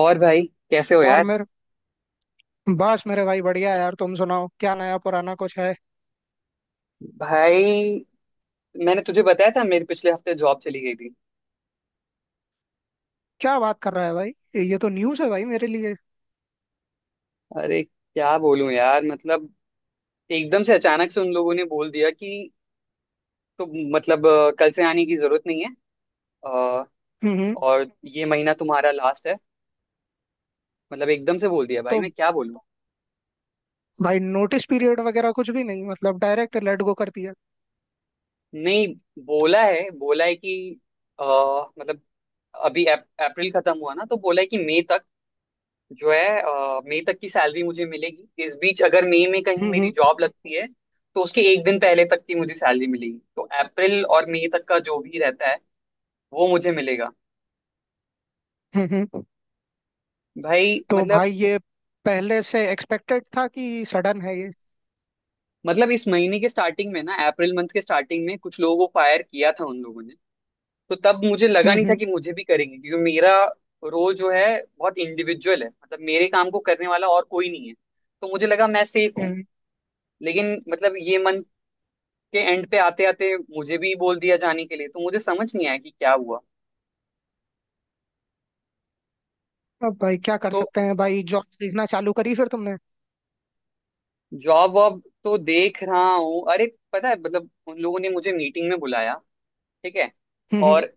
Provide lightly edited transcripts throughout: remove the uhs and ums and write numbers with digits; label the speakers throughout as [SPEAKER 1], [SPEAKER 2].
[SPEAKER 1] और भाई, कैसे हो
[SPEAKER 2] और
[SPEAKER 1] यार?
[SPEAKER 2] मेरे बस मेरे भाई बढ़िया है यार। तुम सुनाओ, क्या नया पुराना कुछ है?
[SPEAKER 1] भाई, मैंने तुझे बताया था, मेरे पिछले हफ्ते जॉब चली गई थी।
[SPEAKER 2] क्या बात कर रहा है भाई, ये तो न्यूज़ है भाई मेरे लिए।
[SPEAKER 1] अरे क्या बोलूं यार, मतलब एकदम से अचानक से उन लोगों ने बोल दिया कि तुम, मतलब कल से आने की जरूरत नहीं है। अ,
[SPEAKER 2] हम्म हम्म।
[SPEAKER 1] और ये महीना तुम्हारा लास्ट है। मतलब एकदम से बोल दिया भाई,
[SPEAKER 2] तो
[SPEAKER 1] मैं क्या बोलूं।
[SPEAKER 2] भाई नोटिस पीरियड वगैरह कुछ भी नहीं, मतलब डायरेक्ट लेट गो कर दिया?
[SPEAKER 1] नहीं, बोला है, बोला है कि अ, मतलब अभी अप्रैल खत्म हुआ ना, तो बोला है कि मई तक जो है मई तक की सैलरी मुझे मिलेगी। इस बीच अगर मई में कहीं
[SPEAKER 2] हम्म
[SPEAKER 1] मेरी
[SPEAKER 2] हम्म
[SPEAKER 1] जॉब लगती है, तो उसके एक दिन पहले तक की मुझे सैलरी मिलेगी, तो अप्रैल और मई तक का जो भी रहता है वो मुझे मिलेगा।
[SPEAKER 2] हम्म हम्म।
[SPEAKER 1] भाई
[SPEAKER 2] तो
[SPEAKER 1] मतलब,
[SPEAKER 2] भाई ये पहले से एक्सपेक्टेड था कि सडन है ये?
[SPEAKER 1] मतलब इस महीने के स्टार्टिंग में ना, अप्रैल मंथ के स्टार्टिंग में कुछ लोगों को फायर किया था उन लोगों ने। तो तब मुझे लगा
[SPEAKER 2] हम्म
[SPEAKER 1] नहीं था
[SPEAKER 2] हम्म
[SPEAKER 1] कि मुझे भी करेंगे, क्योंकि मेरा रोल जो है बहुत इंडिविजुअल है, मतलब मेरे काम को करने वाला और कोई नहीं है, तो मुझे लगा मैं सेफ हूँ।
[SPEAKER 2] हम्म।
[SPEAKER 1] लेकिन मतलब ये मंथ के एंड पे आते आते मुझे भी बोल दिया जाने के लिए, तो मुझे समझ नहीं आया कि क्या हुआ।
[SPEAKER 2] अब भाई क्या कर
[SPEAKER 1] तो
[SPEAKER 2] सकते हैं भाई, जॉब देखना चालू करी फिर तुमने?
[SPEAKER 1] जॉब वॉब तो देख रहा हूँ। अरे पता है, मतलब उन लोगों ने मुझे मीटिंग में बुलाया, ठीक है,
[SPEAKER 2] हम्म।
[SPEAKER 1] और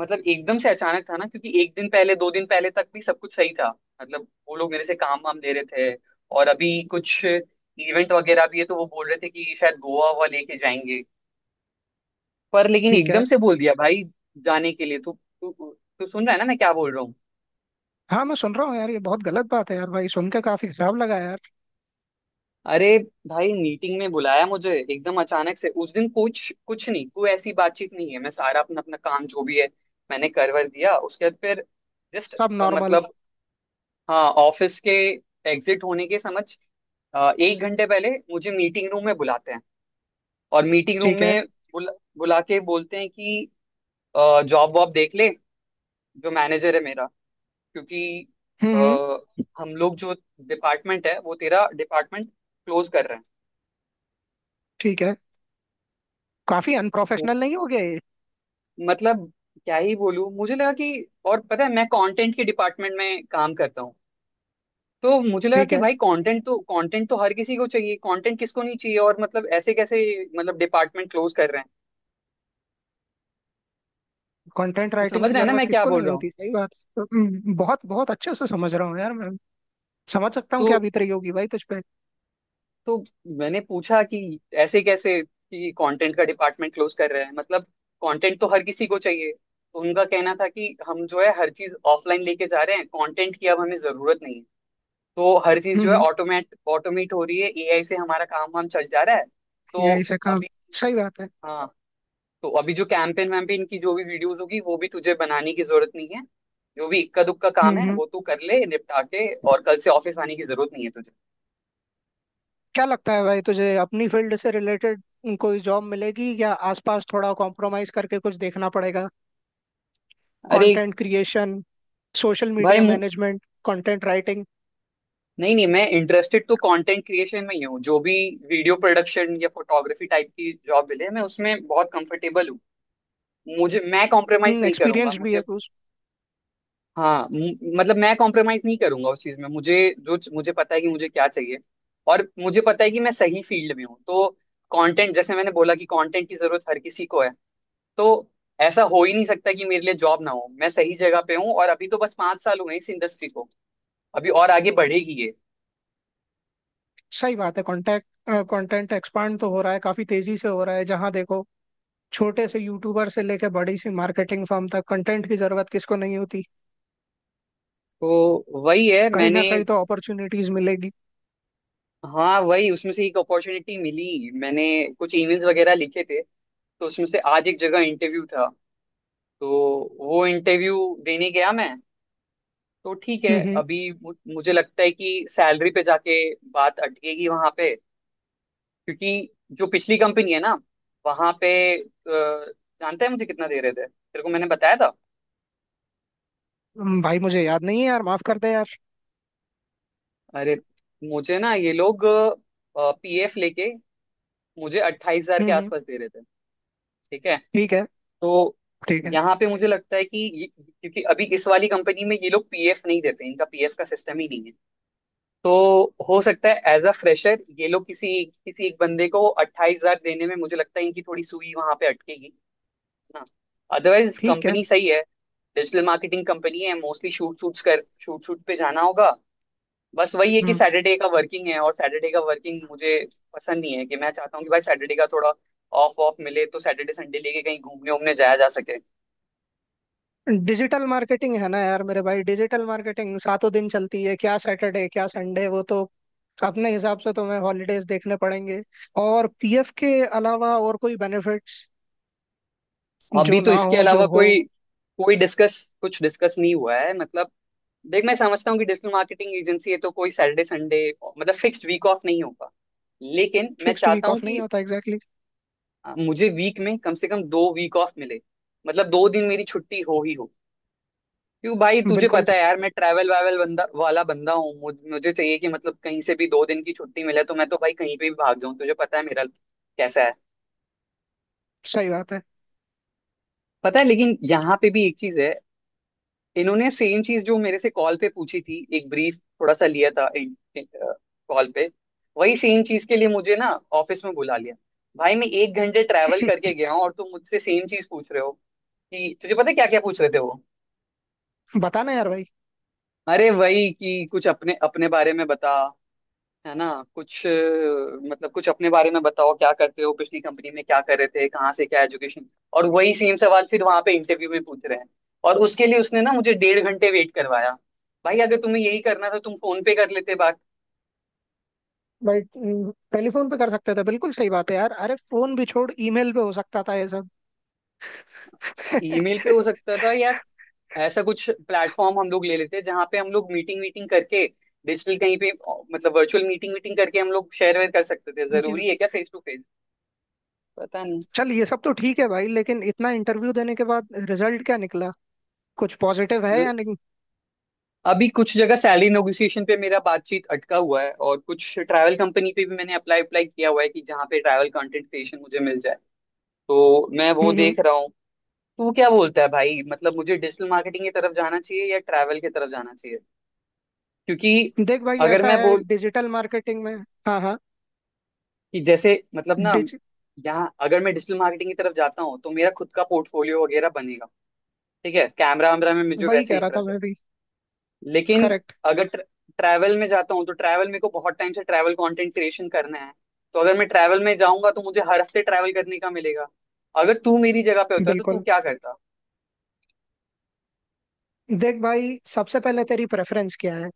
[SPEAKER 1] मतलब एकदम से अचानक था ना, क्योंकि एक दिन पहले, दो दिन पहले तक भी सब कुछ सही था। मतलब वो लोग मेरे से काम वाम ले रहे थे, और अभी कुछ इवेंट वगैरह भी है तो वो बोल रहे थे कि शायद गोवा हुआ लेके जाएंगे। पर लेकिन
[SPEAKER 2] ठीक
[SPEAKER 1] एकदम
[SPEAKER 2] है।
[SPEAKER 1] से बोल दिया भाई जाने के लिए। तू तू तू सुन रहा है ना मैं क्या बोल रहा हूँ?
[SPEAKER 2] हाँ मैं सुन रहा हूँ यार, ये बहुत गलत बात है यार भाई, सुन के काफी खराब लगा यार।
[SPEAKER 1] अरे भाई, मीटिंग में बुलाया मुझे एकदम अचानक से, उस दिन कुछ कुछ नहीं, कोई ऐसी बातचीत नहीं है, मैं सारा अपना अपना काम जो भी है मैंने करवर दिया, उसके बाद फिर जस्ट
[SPEAKER 2] सब नॉर्मल?
[SPEAKER 1] मतलब, हाँ ऑफिस के एग्जिट होने के समझ 1 घंटे पहले मुझे मीटिंग रूम में बुलाते हैं, और मीटिंग रूम
[SPEAKER 2] ठीक है।
[SPEAKER 1] में बुला, बुला के बोलते हैं कि जॉब वॉब देख ले, जो मैनेजर है मेरा, क्योंकि अ,
[SPEAKER 2] हम्म।
[SPEAKER 1] हम लोग जो डिपार्टमेंट है, वो तेरा डिपार्टमेंट क्लोज कर रहे
[SPEAKER 2] ठीक है। काफी
[SPEAKER 1] हैं।
[SPEAKER 2] अनप्रोफेशनल नहीं हो गया ये?
[SPEAKER 1] मतलब क्या ही बोलूं, मुझे लगा कि, और पता है मैं कंटेंट के डिपार्टमेंट में काम करता हूँ, तो मुझे लगा
[SPEAKER 2] ठीक
[SPEAKER 1] कि
[SPEAKER 2] है।
[SPEAKER 1] भाई कंटेंट तो, कंटेंट तो हर किसी को चाहिए, कंटेंट किसको नहीं चाहिए, और मतलब ऐसे कैसे मतलब डिपार्टमेंट क्लोज कर रहे हैं।
[SPEAKER 2] कंटेंट
[SPEAKER 1] तो
[SPEAKER 2] राइटिंग
[SPEAKER 1] समझ
[SPEAKER 2] की
[SPEAKER 1] रहे हैं ना
[SPEAKER 2] जरूरत
[SPEAKER 1] मैं क्या
[SPEAKER 2] किसको
[SPEAKER 1] बोल
[SPEAKER 2] नहीं
[SPEAKER 1] रहा हूँ?
[SPEAKER 2] होती, सही बात है। बहुत बहुत अच्छे से समझ रहा हूँ यार मैं, समझ सकता हूँ
[SPEAKER 1] तो
[SPEAKER 2] क्या बीत रही होगी भाई तुझ पे।
[SPEAKER 1] तो मैंने पूछा कि ऐसे कैसे कि कंटेंट का डिपार्टमेंट क्लोज कर रहे हैं, मतलब कंटेंट तो हर किसी को चाहिए। तो उनका कहना था कि हम जो है हर चीज ऑफलाइन लेके जा रहे हैं, कंटेंट की अब हमें जरूरत नहीं है, तो हर चीज जो
[SPEAKER 2] हम्म
[SPEAKER 1] है
[SPEAKER 2] हम्म,
[SPEAKER 1] ऑटोमेट ऑटोमेट हो रही है, एआई से हमारा काम वाम चल जा रहा है। तो
[SPEAKER 2] यही से काम।
[SPEAKER 1] अभी,
[SPEAKER 2] सही बात है।
[SPEAKER 1] हाँ, तो अभी जो कैंपेन वैम्पेन की जो भी वीडियोस होगी वो भी तुझे बनाने की जरूरत नहीं है, जो भी इक्का दुक्का काम
[SPEAKER 2] हम्म
[SPEAKER 1] है
[SPEAKER 2] हम्म।
[SPEAKER 1] वो तू कर ले निपटा के, और कल से ऑफिस आने की जरूरत नहीं है तुझे।
[SPEAKER 2] क्या लगता है भाई तुझे अपनी फील्ड से रिलेटेड कोई जॉब मिलेगी, या आसपास थोड़ा कॉम्प्रोमाइज करके कुछ देखना पड़ेगा?
[SPEAKER 1] अरे
[SPEAKER 2] कंटेंट क्रिएशन, सोशल
[SPEAKER 1] भाई
[SPEAKER 2] मीडिया मैनेजमेंट, कंटेंट राइटिंग।
[SPEAKER 1] नहीं नहीं, मैं इंटरेस्टेड तो कंटेंट क्रिएशन में ही हूँ, जो भी वीडियो प्रोडक्शन या फोटोग्राफी टाइप की जॉब मिले मैं उसमें बहुत कंफर्टेबल हूँ। मुझे मैं कॉम्प्रोमाइज नहीं करूंगा
[SPEAKER 2] एक्सपीरियंस भी
[SPEAKER 1] मुझे,
[SPEAKER 2] है तू।
[SPEAKER 1] हाँ मतलब मैं कॉम्प्रोमाइज नहीं करूंगा उस चीज में, मुझे जो, मुझे पता है कि मुझे क्या चाहिए, और मुझे पता है कि मैं सही फील्ड में हूँ। तो कंटेंट, जैसे मैंने बोला कि कंटेंट की जरूरत हर किसी को है, तो ऐसा हो ही नहीं सकता कि मेरे लिए जॉब ना हो, मैं सही जगह पे हूँ, और अभी तो बस 5 साल हुए हैं इस इंडस्ट्री को, अभी और आगे बढ़ेगी ये।
[SPEAKER 2] सही बात है। कॉन्टेक्ट कंटेंट एक्सपांड तो हो रहा है, काफी तेजी से हो रहा है, जहां देखो छोटे से यूट्यूबर से लेके बड़ी सी मार्केटिंग फर्म तक कंटेंट की जरूरत किसको नहीं होती।
[SPEAKER 1] तो वही है,
[SPEAKER 2] कहीं ना
[SPEAKER 1] मैंने,
[SPEAKER 2] कहीं तो अपॉर्चुनिटीज मिलेगी।
[SPEAKER 1] हाँ वही, उसमें से एक अपॉर्चुनिटी मिली, मैंने कुछ ईमेल्स वगैरह लिखे थे तो उसमें से आज एक जगह इंटरव्यू था, तो वो इंटरव्यू देने गया मैं। तो ठीक है,
[SPEAKER 2] हम्म
[SPEAKER 1] अभी मुझे लगता है कि सैलरी पे जाके बात अटकेगी वहां पे, क्योंकि जो पिछली कंपनी है ना, वहां पे अ, जानते हैं मुझे कितना दे रहे थे, तेरे को मैंने बताया था।
[SPEAKER 2] हम्म, भाई मुझे याद नहीं है यार, माफ कर दे यार।
[SPEAKER 1] अरे, मुझे ना ये लोग पीएफ लेके मुझे 28,000 के
[SPEAKER 2] हम्म।
[SPEAKER 1] आसपास दे रहे थे, ठीक है।
[SPEAKER 2] ठीक है।
[SPEAKER 1] तो
[SPEAKER 2] ठीक है।
[SPEAKER 1] यहाँ पे मुझे लगता है कि ये, क्योंकि अभी इस वाली कंपनी में ये लोग पीएफ नहीं देते, इनका पीएफ का सिस्टम ही नहीं, तो हो सकता है एज अ फ्रेशर ये लोग किसी किसी एक बंदे को 28,000 देने में, मुझे लगता है इनकी थोड़ी सुई वहां पे अटकेगी ना। अदरवाइज
[SPEAKER 2] ठीक है।
[SPEAKER 1] कंपनी सही है, डिजिटल मार्केटिंग कंपनी है, मोस्टली शूट शूट पे जाना होगा। बस वही है कि
[SPEAKER 2] हम्म।
[SPEAKER 1] सैटरडे का वर्किंग है, और सैटरडे का वर्किंग मुझे पसंद नहीं है, कि मैं चाहता हूँ कि भाई सैटरडे का थोड़ा ऑफ ऑफ मिले, तो सैटरडे संडे लेके कहीं घूमने उमने जाया जा सके।
[SPEAKER 2] डिजिटल मार्केटिंग है ना यार मेरे भाई, डिजिटल मार्केटिंग सातों दिन चलती है, क्या सैटरडे क्या संडे। वो तो अपने हिसाब से तुम्हें हॉलीडेज देखने पड़ेंगे। और पीएफ के अलावा और कोई बेनिफिट्स जो
[SPEAKER 1] अभी तो
[SPEAKER 2] ना
[SPEAKER 1] इसके
[SPEAKER 2] हो, जो
[SPEAKER 1] अलावा
[SPEAKER 2] हो?
[SPEAKER 1] कोई, कोई डिस्कस, कुछ डिस्कस नहीं हुआ है, मतलब देख मैं समझता हूँ कि डिजिटल मार्केटिंग एजेंसी है, तो कोई सैटरडे संडे मतलब फिक्स्ड वीक ऑफ नहीं होगा, लेकिन मैं
[SPEAKER 2] फिक्स्ड
[SPEAKER 1] चाहता
[SPEAKER 2] वीक
[SPEAKER 1] हूँ
[SPEAKER 2] ऑफ नहीं
[SPEAKER 1] कि
[SPEAKER 2] होता, एग्जैक्टली।
[SPEAKER 1] मुझे वीक में कम से कम 2 वीक ऑफ मिले, मतलब 2 दिन मेरी छुट्टी हो ही हो। क्योंकि भाई
[SPEAKER 2] Exactly.
[SPEAKER 1] तुझे
[SPEAKER 2] बिल्कुल
[SPEAKER 1] पता है यार, मैं ट्रैवल वावल बंदा हूँ, मुझे चाहिए कि मतलब कहीं से भी 2 दिन की छुट्टी मिले तो मैं तो भाई कहीं पे भी भाग जाऊँ, तुझे पता है मेरा कैसा है।
[SPEAKER 2] सही बात है।
[SPEAKER 1] पता है, लेकिन यहाँ पे भी एक चीज है, इन्होंने सेम चीज जो मेरे से कॉल पे पूछी थी एक ब्रीफ थोड़ा सा लिया था कॉल पे, वही सेम चीज के लिए मुझे ना ऑफिस में बुला लिया। भाई मैं 1 घंटे ट्रैवल करके गया हूँ और तुम मुझसे सेम चीज पूछ रहे हो, कि तुझे पता है क्या क्या पूछ रहे थे वो?
[SPEAKER 2] बताना यार भाई।
[SPEAKER 1] अरे वही कि कुछ अपने अपने बारे में बता, है ना, कुछ मतलब कुछ अपने बारे में बताओ, क्या करते हो, पिछली कंपनी में क्या कर रहे थे, कहाँ से क्या एजुकेशन, और वही सेम सवाल फिर वहां पे इंटरव्यू में पूछ रहे हैं, और उसके लिए उसने ना मुझे डेढ़ घंटे वेट करवाया। भाई अगर तुम्हें यही करना था तुम फोन पे कर लेते बात,
[SPEAKER 2] बट टेलीफोन पे कर सकते थे, बिल्कुल सही बात है यार, अरे फोन भी छोड़, ईमेल पे हो सकता था ये सब।
[SPEAKER 1] ईमेल पे हो सकता था या ऐसा कुछ प्लेटफॉर्म हम लोग ले लेते जहाँ पे हम लोग मीटिंग वीटिंग करके, डिजिटल कहीं पे मतलब वर्चुअल मीटिंग वीटिंग करके हम लोग शेयर वेयर कर सकते थे,
[SPEAKER 2] मीटिंग।
[SPEAKER 1] जरूरी है क्या फेस टू फेस? पता नहीं।
[SPEAKER 2] चल ये सब तो ठीक है भाई, लेकिन इतना इंटरव्यू देने के बाद रिजल्ट क्या निकला, कुछ पॉजिटिव है या नहीं?
[SPEAKER 1] अभी कुछ जगह सैलरी नेगोशिएशन पे मेरा बातचीत अटका हुआ है, और कुछ ट्रैवल कंपनी पे भी मैंने अप्लाई अप्लाई किया हुआ है कि जहाँ पे ट्रैवल कंटेंट क्रिएशन मुझे मिल जाए, तो मैं वो
[SPEAKER 2] हम्म हम्म।
[SPEAKER 1] देख रहा हूँ। तू क्या बोलता है भाई, मतलब मुझे डिजिटल मार्केटिंग की तरफ जाना चाहिए या ट्रैवल की तरफ जाना चाहिए? क्योंकि
[SPEAKER 2] देख भाई
[SPEAKER 1] अगर
[SPEAKER 2] ऐसा
[SPEAKER 1] मैं
[SPEAKER 2] है
[SPEAKER 1] बोल
[SPEAKER 2] डिजिटल मार्केटिंग में। हाँ हाँ।
[SPEAKER 1] कि जैसे मतलब ना,
[SPEAKER 2] डिज
[SPEAKER 1] यहाँ अगर मैं डिजिटल मार्केटिंग की तरफ जाता हूँ तो मेरा खुद का पोर्टफोलियो वगैरह बनेगा, ठीक है, कैमरा वैमरा में मुझे
[SPEAKER 2] वही
[SPEAKER 1] वैसे
[SPEAKER 2] कह रहा था
[SPEAKER 1] इंटरेस्ट,
[SPEAKER 2] मैं भी।
[SPEAKER 1] लेकिन
[SPEAKER 2] करेक्ट।
[SPEAKER 1] अगर ट्रैवल में जाता हूँ तो ट्रैवल, मेरे को बहुत टाइम से ट्रैवल कंटेंट क्रिएशन करना है, तो अगर मैं ट्रैवल में जाऊंगा तो मुझे हर हफ्ते ट्रैवल करने का मिलेगा। अगर तू मेरी जगह पे होता तो तू
[SPEAKER 2] बिल्कुल।
[SPEAKER 1] क्या करता?
[SPEAKER 2] देख भाई, सबसे पहले तेरी प्रेफरेंस क्या है।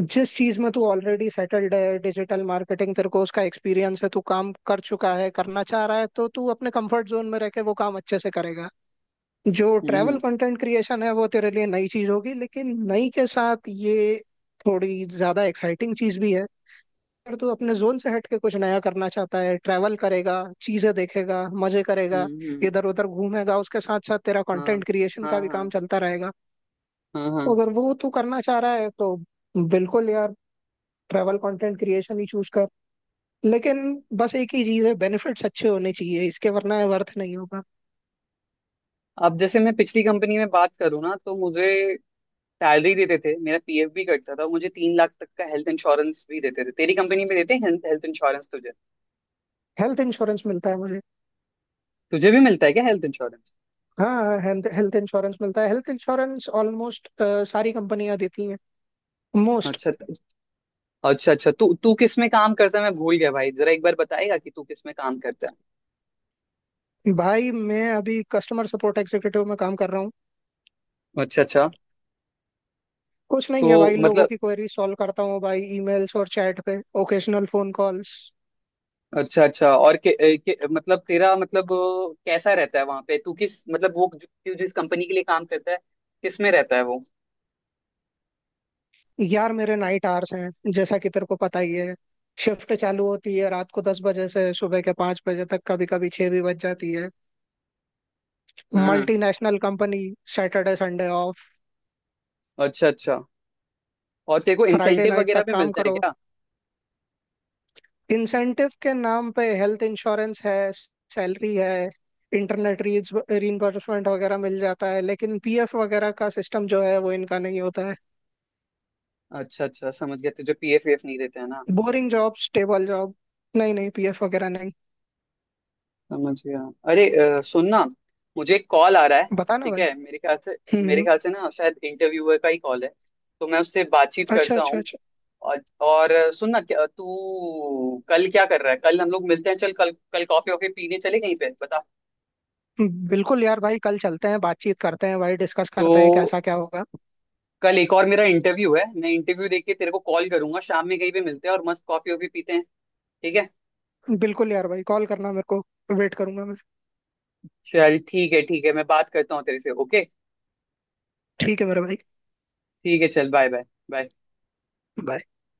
[SPEAKER 2] जिस चीज में तू ऑलरेडी सेटल्ड है, डिजिटल मार्केटिंग, तेरे को उसका एक्सपीरियंस है, तू काम कर चुका है, करना चाह रहा है, तो तू अपने कंफर्ट जोन में रह के वो काम अच्छे से करेगा। जो ट्रैवल
[SPEAKER 1] हम्म।
[SPEAKER 2] कंटेंट क्रिएशन है वो तेरे लिए नई चीज होगी, लेकिन नई के साथ ये थोड़ी ज्यादा एक्साइटिंग चीज भी है। अगर तू अपने जोन से हट के कुछ नया करना चाहता है, ट्रैवल करेगा, चीजें देखेगा, मजे करेगा,
[SPEAKER 1] हम्म।
[SPEAKER 2] इधर उधर घूमेगा, उसके साथ साथ तेरा
[SPEAKER 1] हाँ।
[SPEAKER 2] कंटेंट क्रिएशन
[SPEAKER 1] हाँ।
[SPEAKER 2] का भी
[SPEAKER 1] हाँ।
[SPEAKER 2] काम चलता रहेगा।
[SPEAKER 1] हाँ।
[SPEAKER 2] तो
[SPEAKER 1] हाँ।
[SPEAKER 2] अगर वो तू करना चाह रहा है तो बिल्कुल यार, ट्रैवल कंटेंट क्रिएशन ही चूज कर। लेकिन बस एक ही चीज है, बेनिफिट्स अच्छे होने चाहिए इसके, वरना वर्थ नहीं होगा।
[SPEAKER 1] अब जैसे मैं पिछली कंपनी में बात करूँ ना, तो मुझे सैलरी देते थे, मेरा पीएफ भी कटता था, मुझे 3 लाख तक का हेल्थ इंश्योरेंस भी देते थे। तेरी कंपनी में देते हैं हेल्थ इंश्योरेंस तुझे?
[SPEAKER 2] हेल्थ इंश्योरेंस मिलता है मुझे।
[SPEAKER 1] तुझे भी मिलता है क्या हेल्थ इंश्योरेंस?
[SPEAKER 2] हाँ, हेल्थ इंश्योरेंस मिलता है, हेल्थ इंश्योरेंस ऑलमोस्ट सारी कंपनियां देती हैं, मोस्ट।
[SPEAKER 1] अच्छा, अच्छा अच्छा। तू तू किस में काम करता है? मैं भूल गया भाई, जरा एक बार बताएगा कि तू किस में काम करता है?
[SPEAKER 2] भाई मैं अभी कस्टमर सपोर्ट एग्जीक्यूटिव में काम कर रहा हूँ।
[SPEAKER 1] अच्छा अच्छा।
[SPEAKER 2] कुछ
[SPEAKER 1] तो
[SPEAKER 2] नहीं है भाई, लोगों
[SPEAKER 1] मतलब
[SPEAKER 2] की क्वेरी सॉल्व करता हूँ भाई, ईमेल्स और चैट पे, ओकेशनल फोन कॉल्स।
[SPEAKER 1] अच्छा अच्छा, और के, ए, के, मतलब तेरा मतलब कैसा रहता है वहां पे? तू किस मतलब वो जो, तू जिस कंपनी के लिए काम करता है किस में रहता है वो?
[SPEAKER 2] यार मेरे नाइट आवर्स हैं, जैसा कि तेरे को पता ही है। शिफ्ट चालू होती है रात को 10 बजे से सुबह के 5 बजे तक, कभी कभी 6 भी बज जाती है।
[SPEAKER 1] हम्म।
[SPEAKER 2] Multinational company. Saturday Sunday off.
[SPEAKER 1] अच्छा अच्छा, और तेरे को
[SPEAKER 2] फ्राइडे
[SPEAKER 1] इंसेंटिव
[SPEAKER 2] नाइट
[SPEAKER 1] वगैरह
[SPEAKER 2] तक
[SPEAKER 1] भी
[SPEAKER 2] काम
[SPEAKER 1] मिलता है
[SPEAKER 2] करो।
[SPEAKER 1] क्या?
[SPEAKER 2] इंसेंटिव के नाम पे हेल्थ इंश्योरेंस है, सैलरी है, इंटरनेट रीज रीइंबर्समेंट वगैरह मिल जाता है, लेकिन पीएफ वगैरह का सिस्टम जो है वो इनका नहीं होता है।
[SPEAKER 1] अच्छा अच्छा समझ गया, तुझे पीएफ वीएफ नहीं देते हैं ना?
[SPEAKER 2] Boring job, stable job. नहीं नहीं, पीएफ वगैरह नहीं।
[SPEAKER 1] समझ गया। अरे सुन ना, मुझे एक कॉल आ रहा है,
[SPEAKER 2] बताना
[SPEAKER 1] ठीक
[SPEAKER 2] भाई।
[SPEAKER 1] है। मेरे ख्याल से, मेरे
[SPEAKER 2] हम्म।
[SPEAKER 1] ख्याल से ना शायद इंटरव्यूअर का ही कॉल है, तो मैं उससे बातचीत
[SPEAKER 2] अच्छा
[SPEAKER 1] करता
[SPEAKER 2] अच्छा।
[SPEAKER 1] हूँ। और सुन ना, क्या तू कल क्या कर रहा है? कल हम लोग मिलते हैं, चल कल कल कॉफी वॉफी पीने चले कहीं पे, बता।
[SPEAKER 2] बिल्कुल यार भाई, कल चलते हैं, बातचीत करते हैं भाई, डिस्कस
[SPEAKER 1] तो
[SPEAKER 2] करते हैं कैसा क्या होगा।
[SPEAKER 1] कल एक और मेरा इंटरव्यू है, मैं इंटरव्यू देके तेरे को कॉल करूंगा, शाम में कहीं पे मिलते हैं और मस्त कॉफी वॉफी पीते हैं, ठीक है?
[SPEAKER 2] बिल्कुल यार भाई, कॉल करना मेरे को, वेट करूंगा मैं।
[SPEAKER 1] चल ठीक है, ठीक है, मैं बात करता हूँ तेरे से, ओके।
[SPEAKER 2] ठीक है मेरे भाई।
[SPEAKER 1] ठीक है, चल बाय बाय। बाय।
[SPEAKER 2] Bye.